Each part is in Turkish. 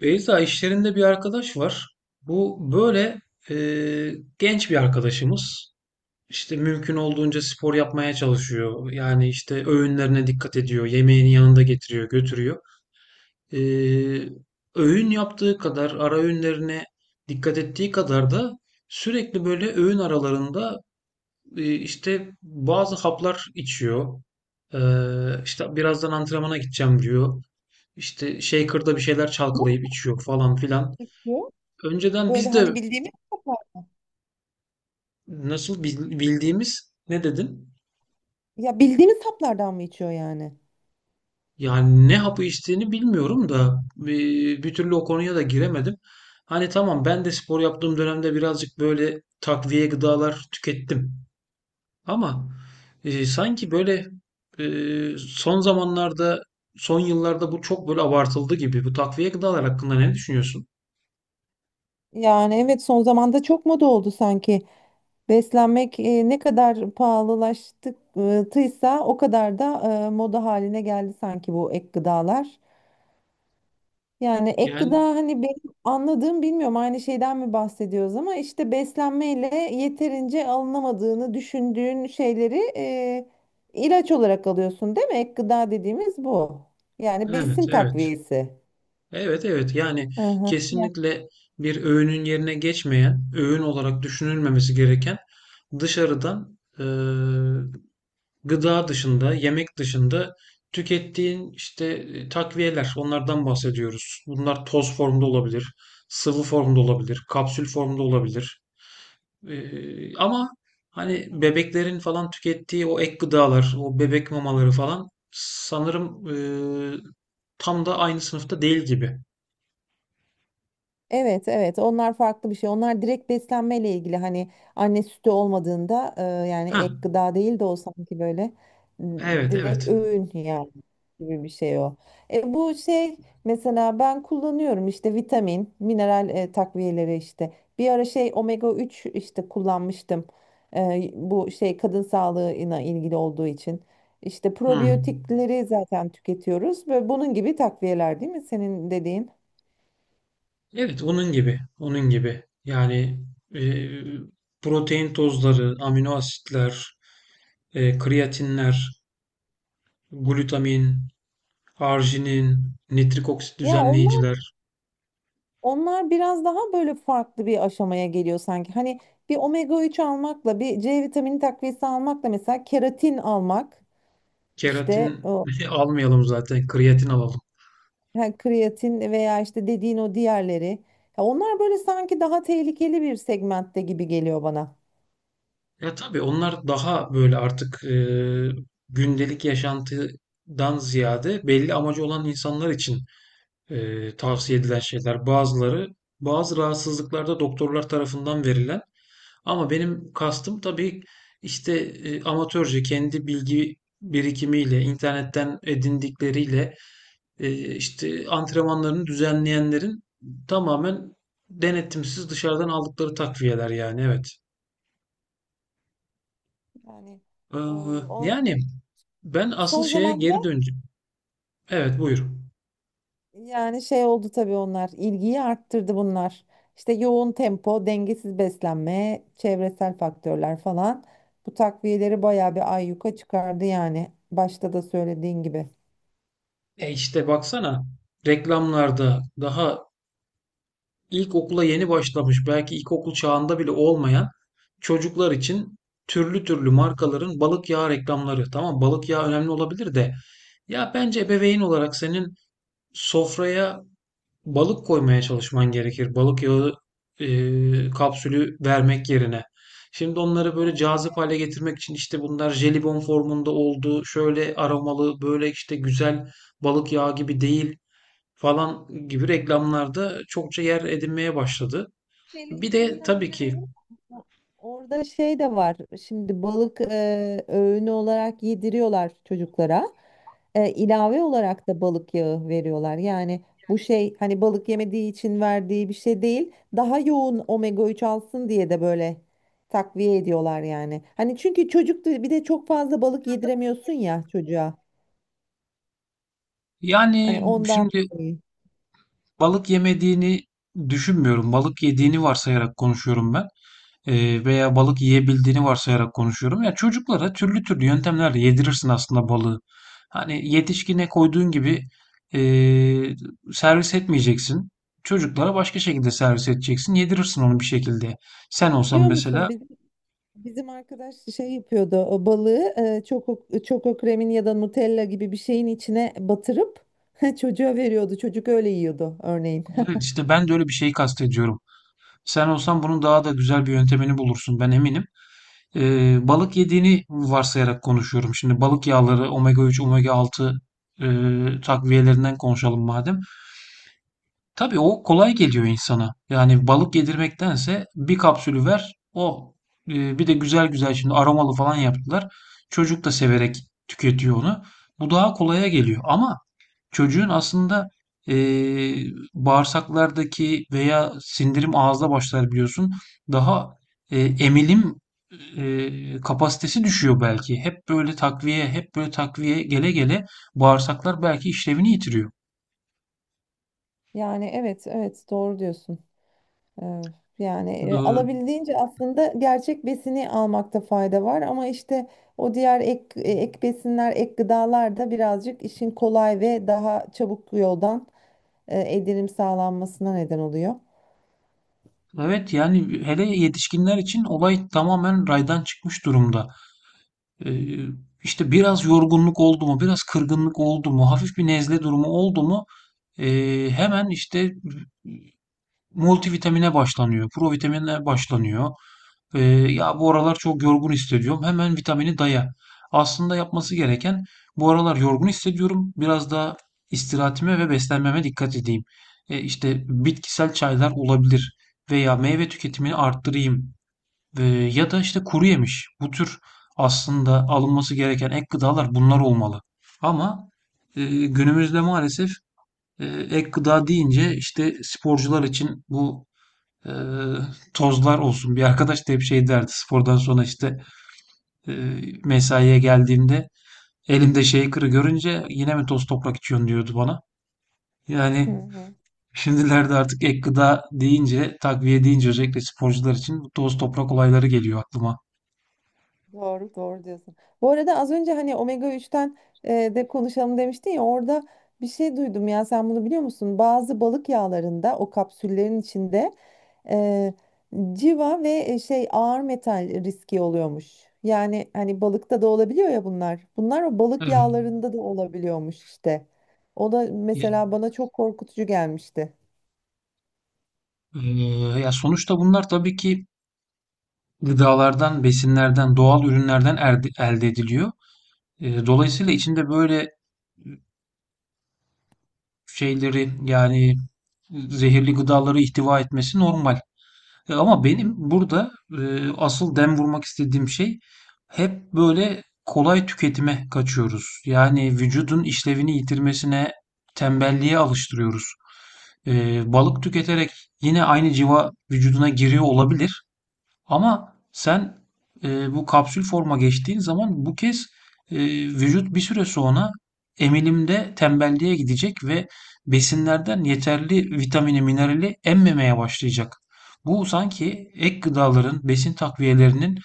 Beyza işlerinde bir arkadaş var. Bu böyle e, genç bir arkadaşımız. İşte mümkün olduğunca spor yapmaya çalışıyor. Yani işte öğünlerine dikkat ediyor. Yemeğini yanında getiriyor, götürüyor. E, Öğün yaptığı kadar, ara öğünlerine dikkat ettiği kadar da sürekli böyle öğün aralarında işte bazı haplar içiyor. E, işte birazdan antrenmana gideceğim diyor. İşte shaker'da bir şeyler çalkalayıp içiyor falan filan. İçiyor? Önceden Böyle biz de hani bildiğimiz saplar. nasıl bildiğimiz ne dedin? Ya bildiğimiz saplardan mı içiyor yani? Yani ne hapı içtiğini bilmiyorum da bir türlü o konuya da giremedim. Hani tamam ben de spor yaptığım dönemde birazcık böyle takviye gıdalar tükettim. Ama sanki böyle son zamanlarda, son yıllarda bu çok böyle abartıldı gibi. Bu takviye gıdalar hakkında ne düşünüyorsun? Yani evet son zamanda çok moda oldu sanki. Beslenmek ne kadar pahalılaştıysa o kadar da moda haline geldi sanki bu ek gıdalar. Yani ek gıda Yani hani benim anladığım bilmiyorum aynı şeyden mi bahsediyoruz ama işte beslenmeyle yeterince alınamadığını düşündüğün şeyleri ilaç olarak alıyorsun değil mi? Ek gıda dediğimiz bu. Yani evet, besin evet. takviyesi. Evet, evet, yani Aha. Ya. kesinlikle bir öğünün yerine geçmeyen, öğün olarak düşünülmemesi gereken dışarıdan gıda dışında, yemek dışında tükettiğin işte takviyeler, onlardan bahsediyoruz. Bunlar toz formda olabilir, sıvı formda olabilir, kapsül formda olabilir. Ama hani bebeklerin falan tükettiği o ek gıdalar, o bebek mamaları falan sanırım e, tam da aynı sınıfta değil gibi. Evet evet onlar farklı bir şey. Onlar direkt beslenmeyle ilgili hani anne sütü olmadığında yani Ha, ek gıda değil de o sanki böyle evet, direkt evet. öğün yani gibi bir şey o. Bu şey mesela ben kullanıyorum işte vitamin, mineral takviyeleri işte. Bir ara şey omega 3 işte kullanmıştım. Bu şey kadın sağlığına ilgili olduğu için. İşte Hımm. probiyotikleri zaten tüketiyoruz ve bunun gibi takviyeler değil mi senin dediğin? Evet, onun gibi, onun gibi. Yani, eee, protein tozları, amino asitler, kreatinler, glutamin, arginin, nitrik oksit Ya onlar düzenleyiciler, onlar biraz daha böyle farklı bir aşamaya geliyor sanki. Hani bir omega 3 almakla bir C vitamini takviyesi almakla mesela keratin almak işte keratin o almayalım zaten, kreatin alalım. ha, kreatin veya işte dediğin o diğerleri. Ya onlar böyle sanki daha tehlikeli bir segmentte gibi geliyor bana. Ya, tabii onlar daha böyle artık, gündelik yaşantıdan ziyade belli amacı olan insanlar için tavsiye edilen şeyler, bazıları bazı rahatsızlıklarda doktorlar tarafından verilen, ama benim kastım tabii işte amatörce kendi bilgi birikimiyle internetten edindikleriyle işte antrenmanlarını düzenleyenlerin tamamen denetimsiz dışarıdan aldıkları takviyeler, yani evet. Yani Ee, o Yani ben asıl son şeye zamanda. geri döneceğim. Evet, buyur. Yani şey oldu tabii onlar. İlgiyi arttırdı bunlar. İşte yoğun tempo, dengesiz beslenme, çevresel faktörler falan. Bu takviyeleri bayağı bir ayyuka çıkardı yani. Başta da söylediğin gibi. E, işte baksana, reklamlarda daha İlkokula yeni başlamış, belki ilkokul çağında bile olmayan çocuklar için türlü türlü markaların balık yağı reklamları. Tamam, balık yağı önemli olabilir de ya bence ebeveyn olarak senin sofraya balık koymaya çalışman gerekir. Balık yağı kapsülü vermek yerine. Şimdi onları böyle cazip hale getirmek için işte bunlar jelibon formunda oldu, şöyle aromalı, böyle işte güzel, balık yağı gibi değil falan gibi reklamlarda çokça yer edinmeye başladı. Bir de tabii ki. Orada şey de var. Şimdi balık öğünü olarak yediriyorlar çocuklara. İlave olarak da balık yağı veriyorlar. Yani bu şey hani balık yemediği için verdiği bir şey değil. Daha yoğun omega 3 alsın diye de böyle takviye ediyorlar yani. Hani çünkü bir de çok fazla balık yediremiyorsun ya çocuğa. Hani Yani ondan şimdi dolayı. balık yemediğini düşünmüyorum. Balık yediğini varsayarak konuşuyorum ben. Veya balık yiyebildiğini varsayarak konuşuyorum. Ya çocuklara türlü türlü yöntemlerle yedirirsin aslında balığı. Hani yetişkine koyduğun gibi ee, servis etmeyeceksin. Çocuklara başka şekilde servis edeceksin. Yedirirsin onu bir şekilde. Sen Ay, olsan Biliyor musun mesela. bizim arkadaş şey yapıyordu o balığı çoko kremin ya da Nutella gibi bir şeyin içine batırıp çocuğa veriyordu. Çocuk öyle yiyordu örneğin. Evet, işte ben de öyle bir şeyi kastediyorum. Sen olsan bunun daha da güzel bir yöntemini bulursun, ben eminim. Balık yediğini varsayarak konuşuyorum. Şimdi balık yağları omega 3, omega 6 e, takviyelerinden konuşalım madem. Tabii o kolay geliyor insana. Yani balık yedirmektense bir kapsülü ver o. Bir de güzel güzel şimdi aromalı falan yaptılar. Çocuk da severek tüketiyor onu. Bu daha kolaya geliyor. Ama çocuğun aslında, eee, bağırsaklardaki veya sindirim ağızda başlar, biliyorsun. Daha, emilim, kapasitesi düşüyor belki. Hep böyle takviye, hep böyle takviye gele gele bağırsaklar belki işlevini yitiriyor. Yani evet evet doğru diyorsun. Ee, yani Do alabildiğince aslında gerçek besini almakta fayda var ama işte o diğer ek besinler, ek gıdalar da birazcık işin kolay ve daha çabuk yoldan edinim sağlanmasına neden oluyor. evet, yani hele yetişkinler için olay tamamen raydan çıkmış durumda. Eee, işte biraz yorgunluk oldu mu, biraz kırgınlık oldu mu, hafif bir nezle durumu oldu mu, hemen işte multivitamine başlanıyor, provitamine başlanıyor. Eee, Ya bu aralar çok yorgun hissediyorum. Hemen vitamini daya. Aslında yapması gereken, bu aralar yorgun hissediyorum, biraz daha istirahatime ve beslenmeme dikkat edeyim. İşte bitkisel çaylar olabilir veya meyve tüketimini arttırayım. Ya da işte kuru yemiş. Bu tür aslında alınması gereken ek gıdalar bunlar olmalı. Ama günümüzde maalesef ek gıda deyince işte sporcular için bu e, tozlar olsun. Bir arkadaş da hep şey derdi, spordan sonra işte e, mesaiye geldiğimde elimde shaker'ı görünce yine mi toz toprak içiyorsun diyordu bana. Hı Yani hı. şimdilerde artık ek gıda deyince, takviye deyince, özellikle sporcular için bu toz toprak olayları geliyor aklıma. Doğru, doğru diyorsun. Bu arada az önce hani omega 3'ten de konuşalım demiştin ya orada bir şey duydum ya sen bunu biliyor musun? Bazı balık yağlarında o kapsüllerin içinde e, civa ve şey ağır metal riski oluyormuş. Yani hani balıkta da olabiliyor ya bunlar. Bunlar o balık Evet. yağlarında da olabiliyormuş işte. O da Ya, mesela bana çok korkutucu gelmişti. Ya sonuçta bunlar tabii ki gıdalardan, besinlerden, doğal ürünlerden elde ediliyor. Dolayısıyla içinde böyle şeyleri, yani zehirli gıdaları ihtiva etmesi normal. Ama benim burada e, asıl dem vurmak istediğim şey, hep böyle kolay tüketime kaçıyoruz. Yani vücudun işlevini yitirmesine, tembelliğe alıştırıyoruz. Balık tüketerek yine aynı civa vücuduna giriyor olabilir. Ama sen bu kapsül forma geçtiğin zaman bu kez e, vücut bir süre sonra emilimde tembelliğe gidecek ve besinlerden yeterli vitamini, minerali emmemeye başlayacak. Bu sanki ek gıdaların, besin takviyelerinin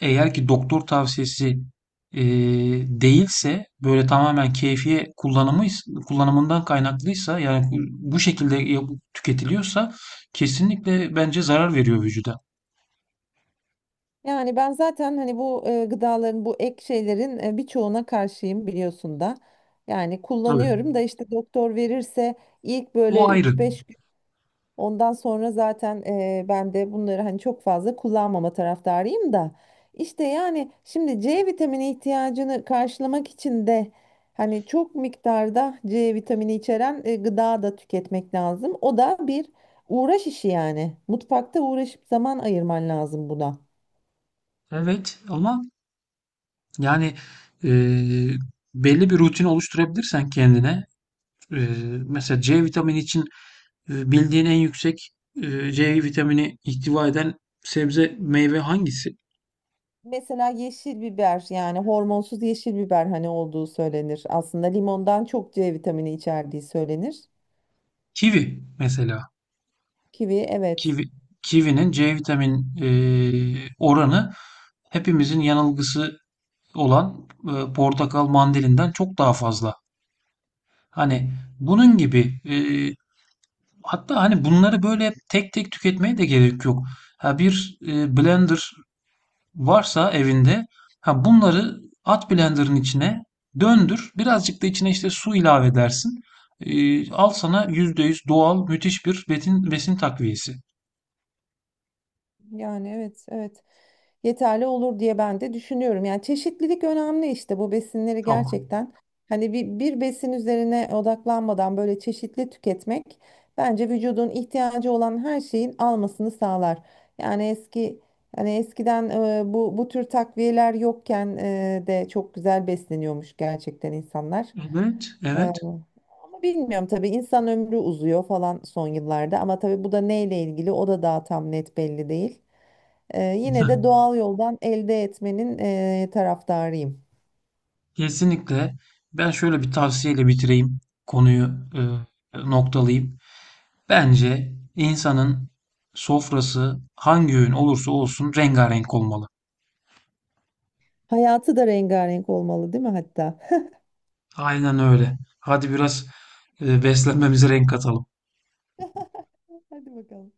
eğer ki doktor tavsiyesi e, değilse, böyle tamamen keyfiye kullanımından kaynaklıysa, yani bu şekilde tüketiliyorsa kesinlikle bence zarar veriyor vücuda. Yani ben zaten hani bu gıdaların bu ek şeylerin birçoğuna karşıyım biliyorsun da. Yani Tabii. kullanıyorum da işte doktor verirse ilk O böyle ayrı. üç beş gün ondan sonra zaten ben de bunları hani çok fazla kullanmama taraftarıyım da. İşte yani şimdi C vitamini ihtiyacını karşılamak için de hani çok miktarda C vitamini içeren gıda da tüketmek lazım. O da bir uğraş işi yani. Mutfakta uğraşıp zaman ayırman lazım buna. Evet, ama yani e, belli bir rutin oluşturabilirsen kendine, e, mesela C vitamini için bildiğin en yüksek C vitamini ihtiva eden sebze meyve hangisi? Mesela yeşil biber yani hormonsuz yeşil biber hani olduğu söylenir. Aslında limondan çok C vitamini içerdiği söylenir. Kivi mesela. Kivi evet. Kivi, kivinin C vitamin oranı hepimizin yanılgısı olan portakal, mandalinden çok daha fazla. Hani bunun gibi hatta hani bunları böyle tek tek tüketmeye de gerek yok. Ha, bir blender varsa evinde, ha bunları at blenderın içine, döndür. Birazcık da içine işte su ilave edersin. Al sana %100 doğal müthiş bir besin, besin takviyesi. Yani evet evet. Yeterli olur diye ben de düşünüyorum. Yani çeşitlilik önemli işte bu besinleri Çok. gerçekten hani bir besin üzerine odaklanmadan böyle çeşitli tüketmek bence vücudun ihtiyacı olan her şeyin almasını sağlar. Yani eski hani eskiden bu bu tür takviyeler yokken de çok güzel besleniyormuş gerçekten insanlar. Evet, E, evet. ama bilmiyorum tabii insan ömrü uzuyor falan son yıllarda ama tabii bu da neyle ilgili o da daha tam net belli değil. Yine de doğal yoldan elde etmenin taraftarıyım. Kesinlikle. Ben şöyle bir tavsiyeyle bitireyim. Konuyu e, noktalayayım. Bence insanın sofrası hangi öğün olursa olsun rengarenk olmalı. Hayatı da rengarenk olmalı, değil mi hatta? Aynen öyle. Hadi biraz beslenmemize renk katalım. Hadi bakalım.